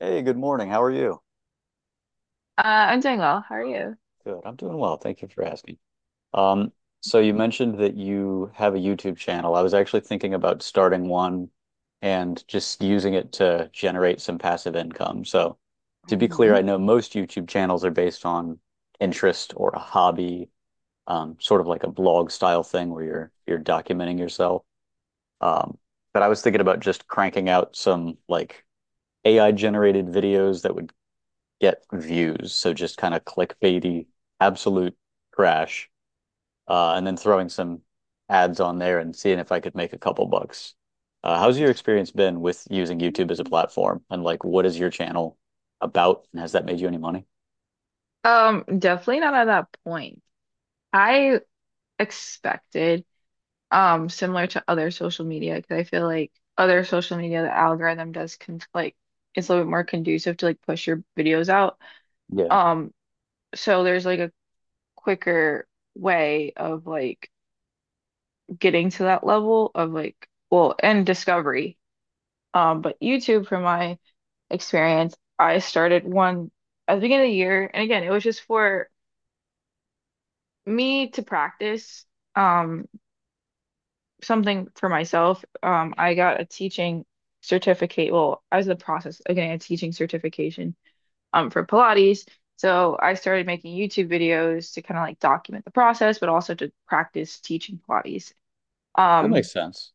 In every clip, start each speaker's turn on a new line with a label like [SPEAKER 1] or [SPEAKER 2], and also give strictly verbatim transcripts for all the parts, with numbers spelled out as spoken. [SPEAKER 1] Hey, good morning. How are you?
[SPEAKER 2] Uh, I'm doing well. How are you?
[SPEAKER 1] Good. I'm doing well. Thank you for asking. Um, so you mentioned that you have a YouTube channel. I was actually thinking about starting one and just using it to generate some passive income. So to be clear, I
[SPEAKER 2] Hmm.
[SPEAKER 1] know most YouTube channels are based on interest or a hobby, um, sort of like a blog style thing where you're you're documenting yourself. Um, but I was thinking about just cranking out some like A I generated videos that would get views. So just kind of clickbaity, absolute trash, uh, and then throwing some ads on there and seeing if I could make a couple bucks. Uh, how's your experience been with using YouTube as a platform? And like, what is your channel about? And has that made you any money?
[SPEAKER 2] Um, definitely not at that point. I expected, um, similar to other social media, because I feel like other social media, the algorithm does con like it's a little bit more conducive to like push your videos out.
[SPEAKER 1] Yeah,
[SPEAKER 2] Um, so there's like a quicker way of like getting to that level of like well and discovery. Um, but YouTube, from my experience, I started one at the beginning of the year, and again, it was just for me to practice um something for myself. Um, I got a teaching certificate. Well, I was in the process of getting a teaching certification um for Pilates. So I started making YouTube videos to kind of like document the process, but also to practice teaching Pilates.
[SPEAKER 1] that
[SPEAKER 2] Um,
[SPEAKER 1] makes sense.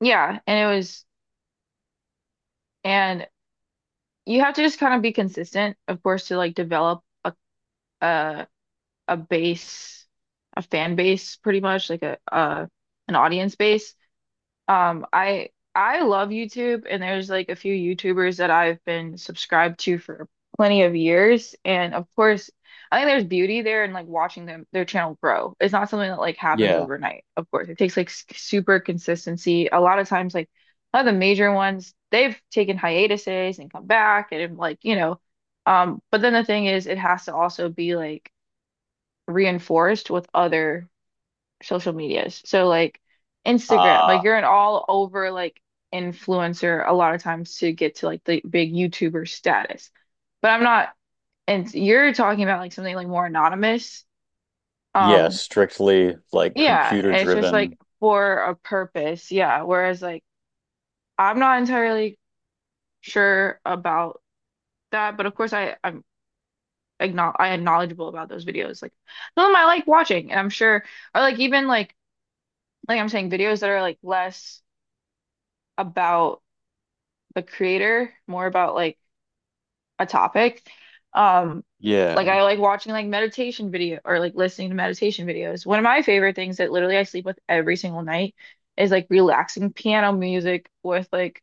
[SPEAKER 2] yeah, and it was and you have to just kind of be consistent, of course, to like develop a a, a base, a fan base pretty much, like a uh an audience base. Um, I I love YouTube, and there's like a few YouTubers that I've been subscribed to for plenty of years, and of course I think there's beauty there in like watching them their channel grow. It's not something that like happens
[SPEAKER 1] Yeah.
[SPEAKER 2] overnight. Of course, it takes like s- super consistency. A lot of times, like a lot of the major ones, they've taken hiatuses and come back, and like, you know, um but then the thing is it has to also be like reinforced with other social medias. So like Instagram,
[SPEAKER 1] Uh,
[SPEAKER 2] like you're an all over like influencer a lot of times to get to like the big YouTuber status. But I'm not, and you're talking about like something like more anonymous.
[SPEAKER 1] yeah,
[SPEAKER 2] Um,
[SPEAKER 1] strictly like
[SPEAKER 2] yeah,
[SPEAKER 1] computer
[SPEAKER 2] and it's just like
[SPEAKER 1] driven.
[SPEAKER 2] for a purpose. Yeah. Whereas like I'm not entirely sure about that, but of course I I'm acknow I am knowledgeable about those videos. Like some of them I like watching, and I'm sure, or like even like like I'm saying videos that are like less about the creator, more about like a topic. Um, like
[SPEAKER 1] Yeah.
[SPEAKER 2] I like watching like meditation video or like listening to meditation videos. One of my favorite things that literally I sleep with every single night is like relaxing piano music with like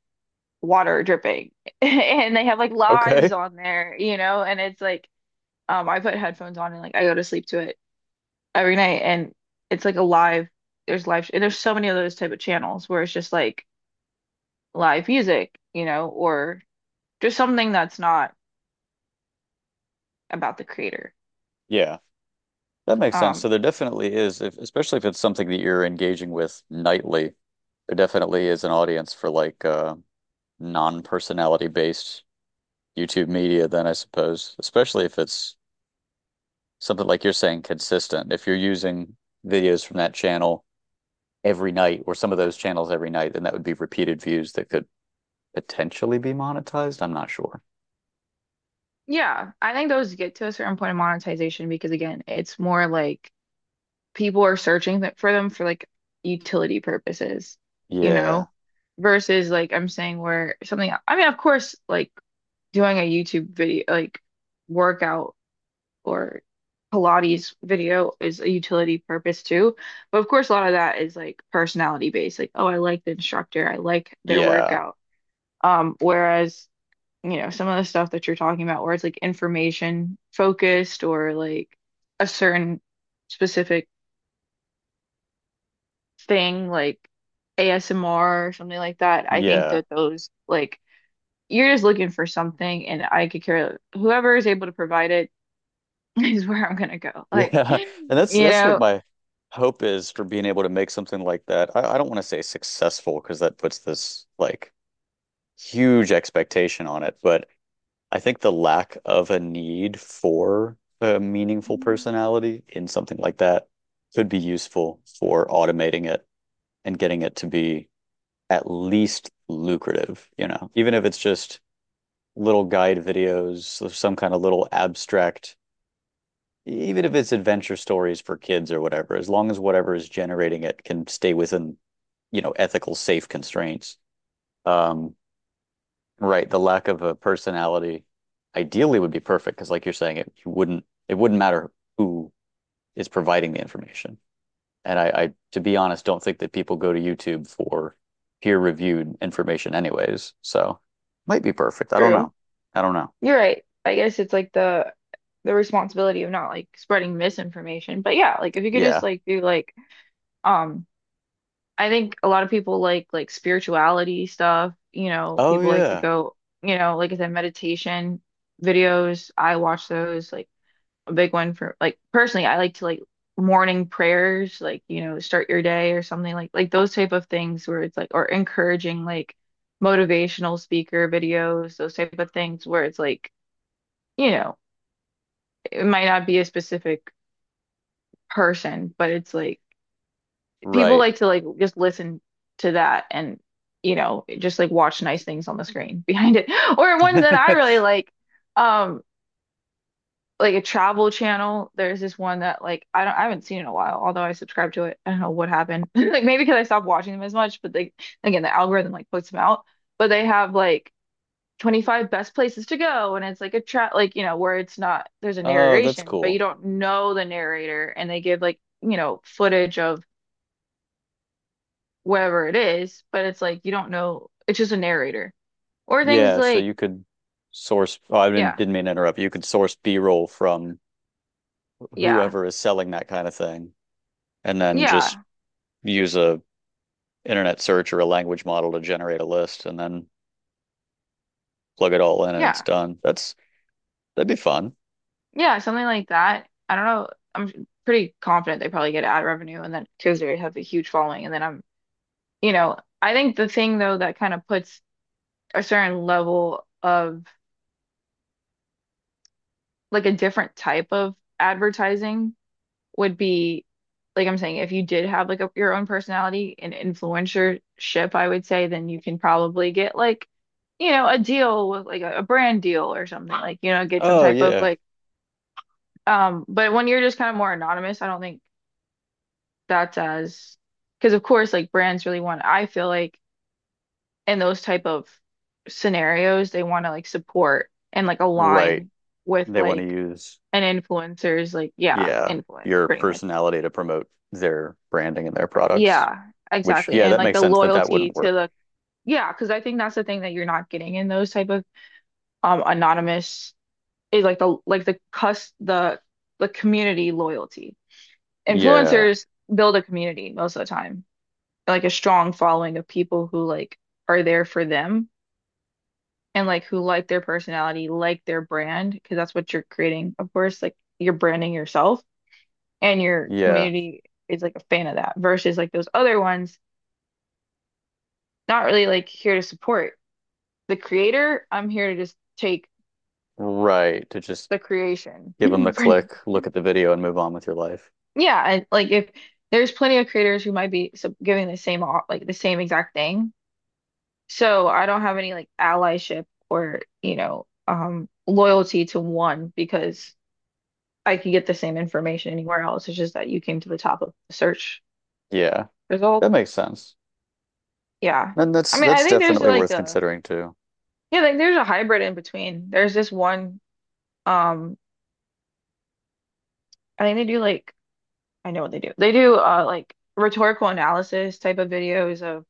[SPEAKER 2] water dripping. And they have like lives
[SPEAKER 1] Okay.
[SPEAKER 2] on there, you know, and it's like um I put headphones on and like I go to sleep to it every night, and it's like a live, there's live, and there's so many of those type of channels where it's just like live music, you know, or just something that's not about the creator.
[SPEAKER 1] Yeah. That makes sense. So
[SPEAKER 2] Um,
[SPEAKER 1] there definitely is, if, especially if it's something that you're engaging with nightly, there definitely is an audience for like uh, non-personality based YouTube media then I suppose, especially if it's something like you're saying consistent. If you're using videos from that channel every night or some of those channels every night, then that would be repeated views that could potentially be monetized. I'm not sure.
[SPEAKER 2] yeah, I think those get to a certain point of monetization because again, it's more like people are searching th for them for like utility purposes, you
[SPEAKER 1] Yeah.
[SPEAKER 2] know, versus like I'm saying where something, I mean, of course, like doing a YouTube video, like workout or Pilates video is a utility purpose too. But of course, a lot of that is like personality based, like, oh, I like the instructor, I like their
[SPEAKER 1] Yeah.
[SPEAKER 2] workout. Um, whereas you know, some of the stuff that you're talking about where it's like information focused or like a certain specific thing, like A S M R or something like that. I think
[SPEAKER 1] Yeah.
[SPEAKER 2] that those, like, you're just looking for something, and I could care. Whoever is able to provide it is where I'm gonna go. Like,
[SPEAKER 1] Yeah, and that's
[SPEAKER 2] you
[SPEAKER 1] that's what
[SPEAKER 2] know,
[SPEAKER 1] my hope is for being able to make something like that. I, I don't want to say successful because that puts this like huge expectation on it, but I think the lack of a need for a meaningful personality in something like that could be useful for automating it and getting it to be at least lucrative, you know, even if it's just little guide videos of some kind of little abstract E-, even if it's adventure stories for kids or whatever, as long as whatever is generating it can stay within, you know, ethical, safe constraints. Um, right. The lack of a personality ideally would be perfect because, like you're saying, it you wouldn't it wouldn't matter who is providing the information. And I, I, to be honest, don't think that people go to YouTube for peer-reviewed information, anyways. So might be perfect. I don't
[SPEAKER 2] true.
[SPEAKER 1] know. I don't know.
[SPEAKER 2] You're right. I guess it's like the the responsibility of not like spreading misinformation. But yeah, like if you could just
[SPEAKER 1] Yeah.
[SPEAKER 2] like do like um I think a lot of people like like spirituality stuff, you know,
[SPEAKER 1] Oh
[SPEAKER 2] people like to
[SPEAKER 1] yeah.
[SPEAKER 2] go, you know, like I said, meditation videos. I watch those like a big one for like personally, I like to like morning prayers, like, you know, start your day or something like like those type of things where it's like or encouraging like motivational speaker videos, those type of things where it's like, you know, it might not be a specific person, but it's like people
[SPEAKER 1] Right.
[SPEAKER 2] like to like just listen to that and you know just like watch nice things on the screen behind it. Or one that I really like, um, like a travel channel. There's this one that like I don't I haven't seen in a while, although I subscribe to it. I don't know what happened. Like maybe because I stopped watching them as much, but they again the algorithm like puts them out. But they have like twenty-five best places to go, and it's like a trap, like you know where it's not, there's a
[SPEAKER 1] Oh, that's
[SPEAKER 2] narration but you
[SPEAKER 1] cool.
[SPEAKER 2] don't know the narrator, and they give like you know footage of wherever it is, but it's like you don't know. It's just a narrator or things
[SPEAKER 1] Yeah, so
[SPEAKER 2] like,
[SPEAKER 1] you could source. Oh, I didn't,
[SPEAKER 2] yeah,
[SPEAKER 1] didn't mean to interrupt. You could source B-roll from
[SPEAKER 2] yeah,
[SPEAKER 1] whoever is selling that kind of thing, and then just
[SPEAKER 2] yeah,
[SPEAKER 1] use a internet search or a language model to generate a list, and then plug it all in, and it's
[SPEAKER 2] yeah,
[SPEAKER 1] done. That's that'd be fun.
[SPEAKER 2] yeah, something like that. I don't know. I'm pretty confident they probably get ad revenue, and then because they have a huge following, and then I'm, you know, I think the thing though that kind of puts a certain level of like a different type of advertising would be like I'm saying, if you did have like a, your own personality and influencership, I would say then you can probably get like, you know, a deal with like a, a brand deal or something like, you know, get some
[SPEAKER 1] Oh
[SPEAKER 2] type of
[SPEAKER 1] yeah,
[SPEAKER 2] like, um, but when you're just kind of more anonymous, I don't think that's as, because of course, like brands really want, I feel like in those type of scenarios, they want to like support and like
[SPEAKER 1] right.
[SPEAKER 2] align with
[SPEAKER 1] They want to
[SPEAKER 2] like
[SPEAKER 1] use
[SPEAKER 2] an influencer's like, yeah,
[SPEAKER 1] yeah
[SPEAKER 2] influence
[SPEAKER 1] your
[SPEAKER 2] pretty much.
[SPEAKER 1] personality to promote their branding and their products.
[SPEAKER 2] Yeah,
[SPEAKER 1] Which
[SPEAKER 2] exactly.
[SPEAKER 1] yeah,
[SPEAKER 2] And
[SPEAKER 1] that
[SPEAKER 2] like
[SPEAKER 1] makes
[SPEAKER 2] the
[SPEAKER 1] sense that that
[SPEAKER 2] loyalty
[SPEAKER 1] wouldn't
[SPEAKER 2] to
[SPEAKER 1] work.
[SPEAKER 2] the, yeah, because I think that's the thing that you're not getting in those type of um anonymous is like the like the cus the the community loyalty.
[SPEAKER 1] Yeah,
[SPEAKER 2] Influencers build a community most of the time, like a strong following of people who like are there for them and like who like their personality, like their brand, because that's what you're creating, of course, like you're branding yourself, and your
[SPEAKER 1] yeah,
[SPEAKER 2] community is like a fan of that versus like those other ones not really like here to support the creator, I'm here to just take
[SPEAKER 1] right. To just
[SPEAKER 2] the creation.
[SPEAKER 1] give them the click,
[SPEAKER 2] Pretty-
[SPEAKER 1] look at the video, and move on with your life.
[SPEAKER 2] Yeah, and like if there's plenty of creators who might be sub giving the same au- like the same exact thing. So I don't have any like allyship or, you know, um loyalty to one because I could get the same information anywhere else. It's just that you came to the top of the search
[SPEAKER 1] Yeah,
[SPEAKER 2] result.
[SPEAKER 1] that makes sense.
[SPEAKER 2] Yeah.
[SPEAKER 1] And that's
[SPEAKER 2] I mean, I
[SPEAKER 1] that's
[SPEAKER 2] think there's
[SPEAKER 1] definitely
[SPEAKER 2] like
[SPEAKER 1] worth
[SPEAKER 2] a,
[SPEAKER 1] considering too.
[SPEAKER 2] yeah, like there's a hybrid in between. There's this one um I think they do like I know what they do. They do uh like rhetorical analysis type of videos of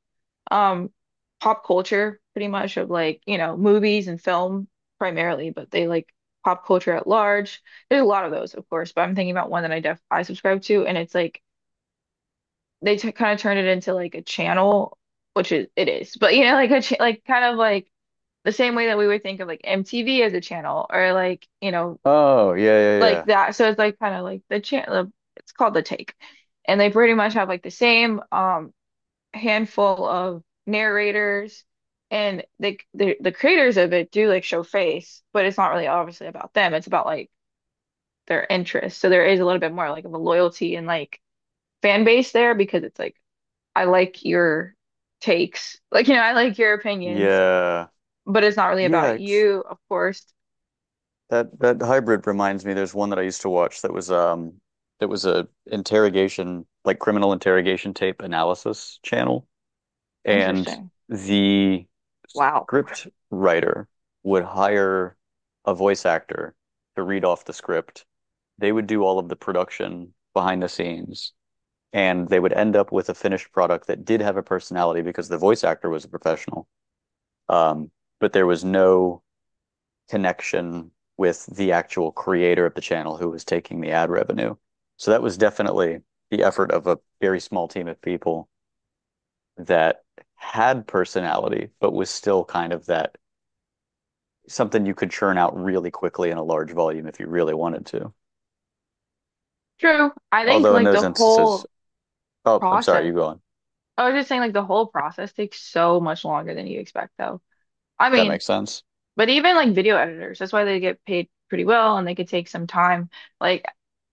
[SPEAKER 2] um pop culture pretty much of like, you know, movies and film primarily, but they like pop culture at large. There's a lot of those, of course, but I'm thinking about one that I def I subscribe to, and it's like they t kind of turn it into like a channel, which is it is. But you know, like a ch like kind of like the same way that we would think of like M T V as a channel or like, you know,
[SPEAKER 1] Oh, yeah, yeah,
[SPEAKER 2] like
[SPEAKER 1] yeah.
[SPEAKER 2] that. So it's like kind of like the chant. the- It's called the take, and they pretty much have like the same um handful of narrators, and they the the creators of it do like show face, but it's not really obviously about them. It's about like their interests. So there is a little bit more like of a loyalty and like fan base there because it's like I like your takes, like you know I like your opinions,
[SPEAKER 1] Yeah.
[SPEAKER 2] but it's not really
[SPEAKER 1] Yeah,
[SPEAKER 2] about
[SPEAKER 1] it's
[SPEAKER 2] you, of course.
[SPEAKER 1] that that hybrid reminds me there's one that I used to watch that was um that was a interrogation like criminal interrogation tape analysis channel and
[SPEAKER 2] Interesting.
[SPEAKER 1] the
[SPEAKER 2] Wow.
[SPEAKER 1] script writer would hire a voice actor to read off the script. They would do all of the production behind the scenes. And they would end up with a finished product that did have a personality because the voice actor was a professional. Um, but there was no connection with the actual creator of the channel who was taking the ad revenue. So that was definitely the effort of a very small team of people that had personality, but was still kind of that something you could churn out really quickly in a large volume if you really wanted to.
[SPEAKER 2] True. I think
[SPEAKER 1] Although in
[SPEAKER 2] like
[SPEAKER 1] those
[SPEAKER 2] the
[SPEAKER 1] instances,
[SPEAKER 2] whole
[SPEAKER 1] oh, I'm sorry, you
[SPEAKER 2] process
[SPEAKER 1] go on.
[SPEAKER 2] I was just saying, like, the whole process takes so much longer than you expect, though. I
[SPEAKER 1] That
[SPEAKER 2] mean,
[SPEAKER 1] makes sense.
[SPEAKER 2] but even like video editors, that's why they get paid pretty well, and they could take some time. Like,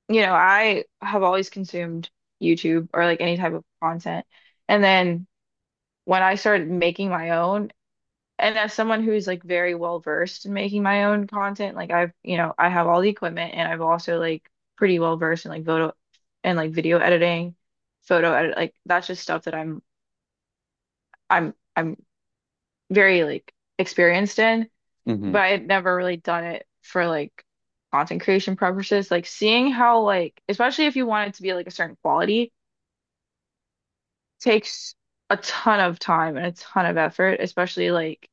[SPEAKER 2] you know, I have always consumed YouTube or like any type of content. And then when I started making my own, and as someone who's like very well versed in making my own content, like I've, you know, I have all the equipment, and I've also like pretty well versed in like photo and like video editing, photo edit, like that's just stuff that I'm, I'm, I'm very like experienced in,
[SPEAKER 1] Hmm.
[SPEAKER 2] but I had never really done it for like content creation purposes. Like seeing how like especially if you want it to be like a certain quality takes a ton of time and a ton of effort, especially like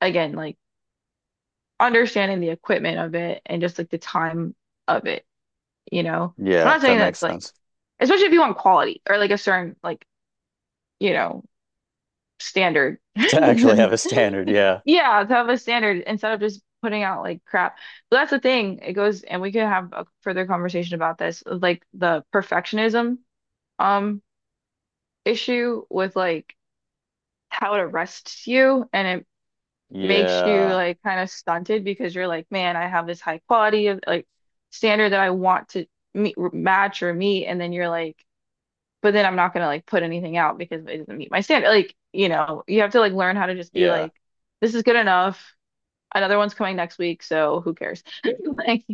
[SPEAKER 2] again like understanding the equipment of it and just like the time of it, you know. I'm
[SPEAKER 1] Yeah,
[SPEAKER 2] not
[SPEAKER 1] that
[SPEAKER 2] saying that
[SPEAKER 1] makes
[SPEAKER 2] like
[SPEAKER 1] sense.
[SPEAKER 2] especially if you want quality or like a certain like, you know, standard.
[SPEAKER 1] To actually have a standard. Yeah.
[SPEAKER 2] Yeah, to have a standard instead of just putting out like crap. But that's the thing. It goes, and we could have a further conversation about this, of, like the perfectionism um issue with like how it arrests you and it makes you
[SPEAKER 1] Yeah.
[SPEAKER 2] like kind of stunted because you're like, man, I have this high quality of like standard that I want to meet, match or meet, and then you're like, but then I'm not gonna like put anything out because it doesn't meet my standard. Like, you know, you have to like learn how to just be
[SPEAKER 1] Yeah.
[SPEAKER 2] like, this is good enough. Another one's coming next week, so who cares? Like,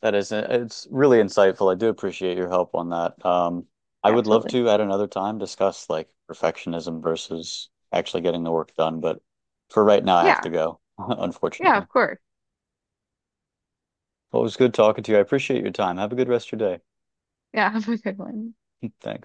[SPEAKER 1] That is, it's really insightful. I do appreciate your help on that. Um, I would love
[SPEAKER 2] absolutely.
[SPEAKER 1] to at another time discuss like perfectionism versus actually getting the work done, but for right now, I have to
[SPEAKER 2] Yeah.
[SPEAKER 1] go,
[SPEAKER 2] Yeah,
[SPEAKER 1] unfortunately.
[SPEAKER 2] of course.
[SPEAKER 1] Well, it was good talking to you. I appreciate your time. Have a good rest of your day.
[SPEAKER 2] Yeah, have a good one.
[SPEAKER 1] Thanks.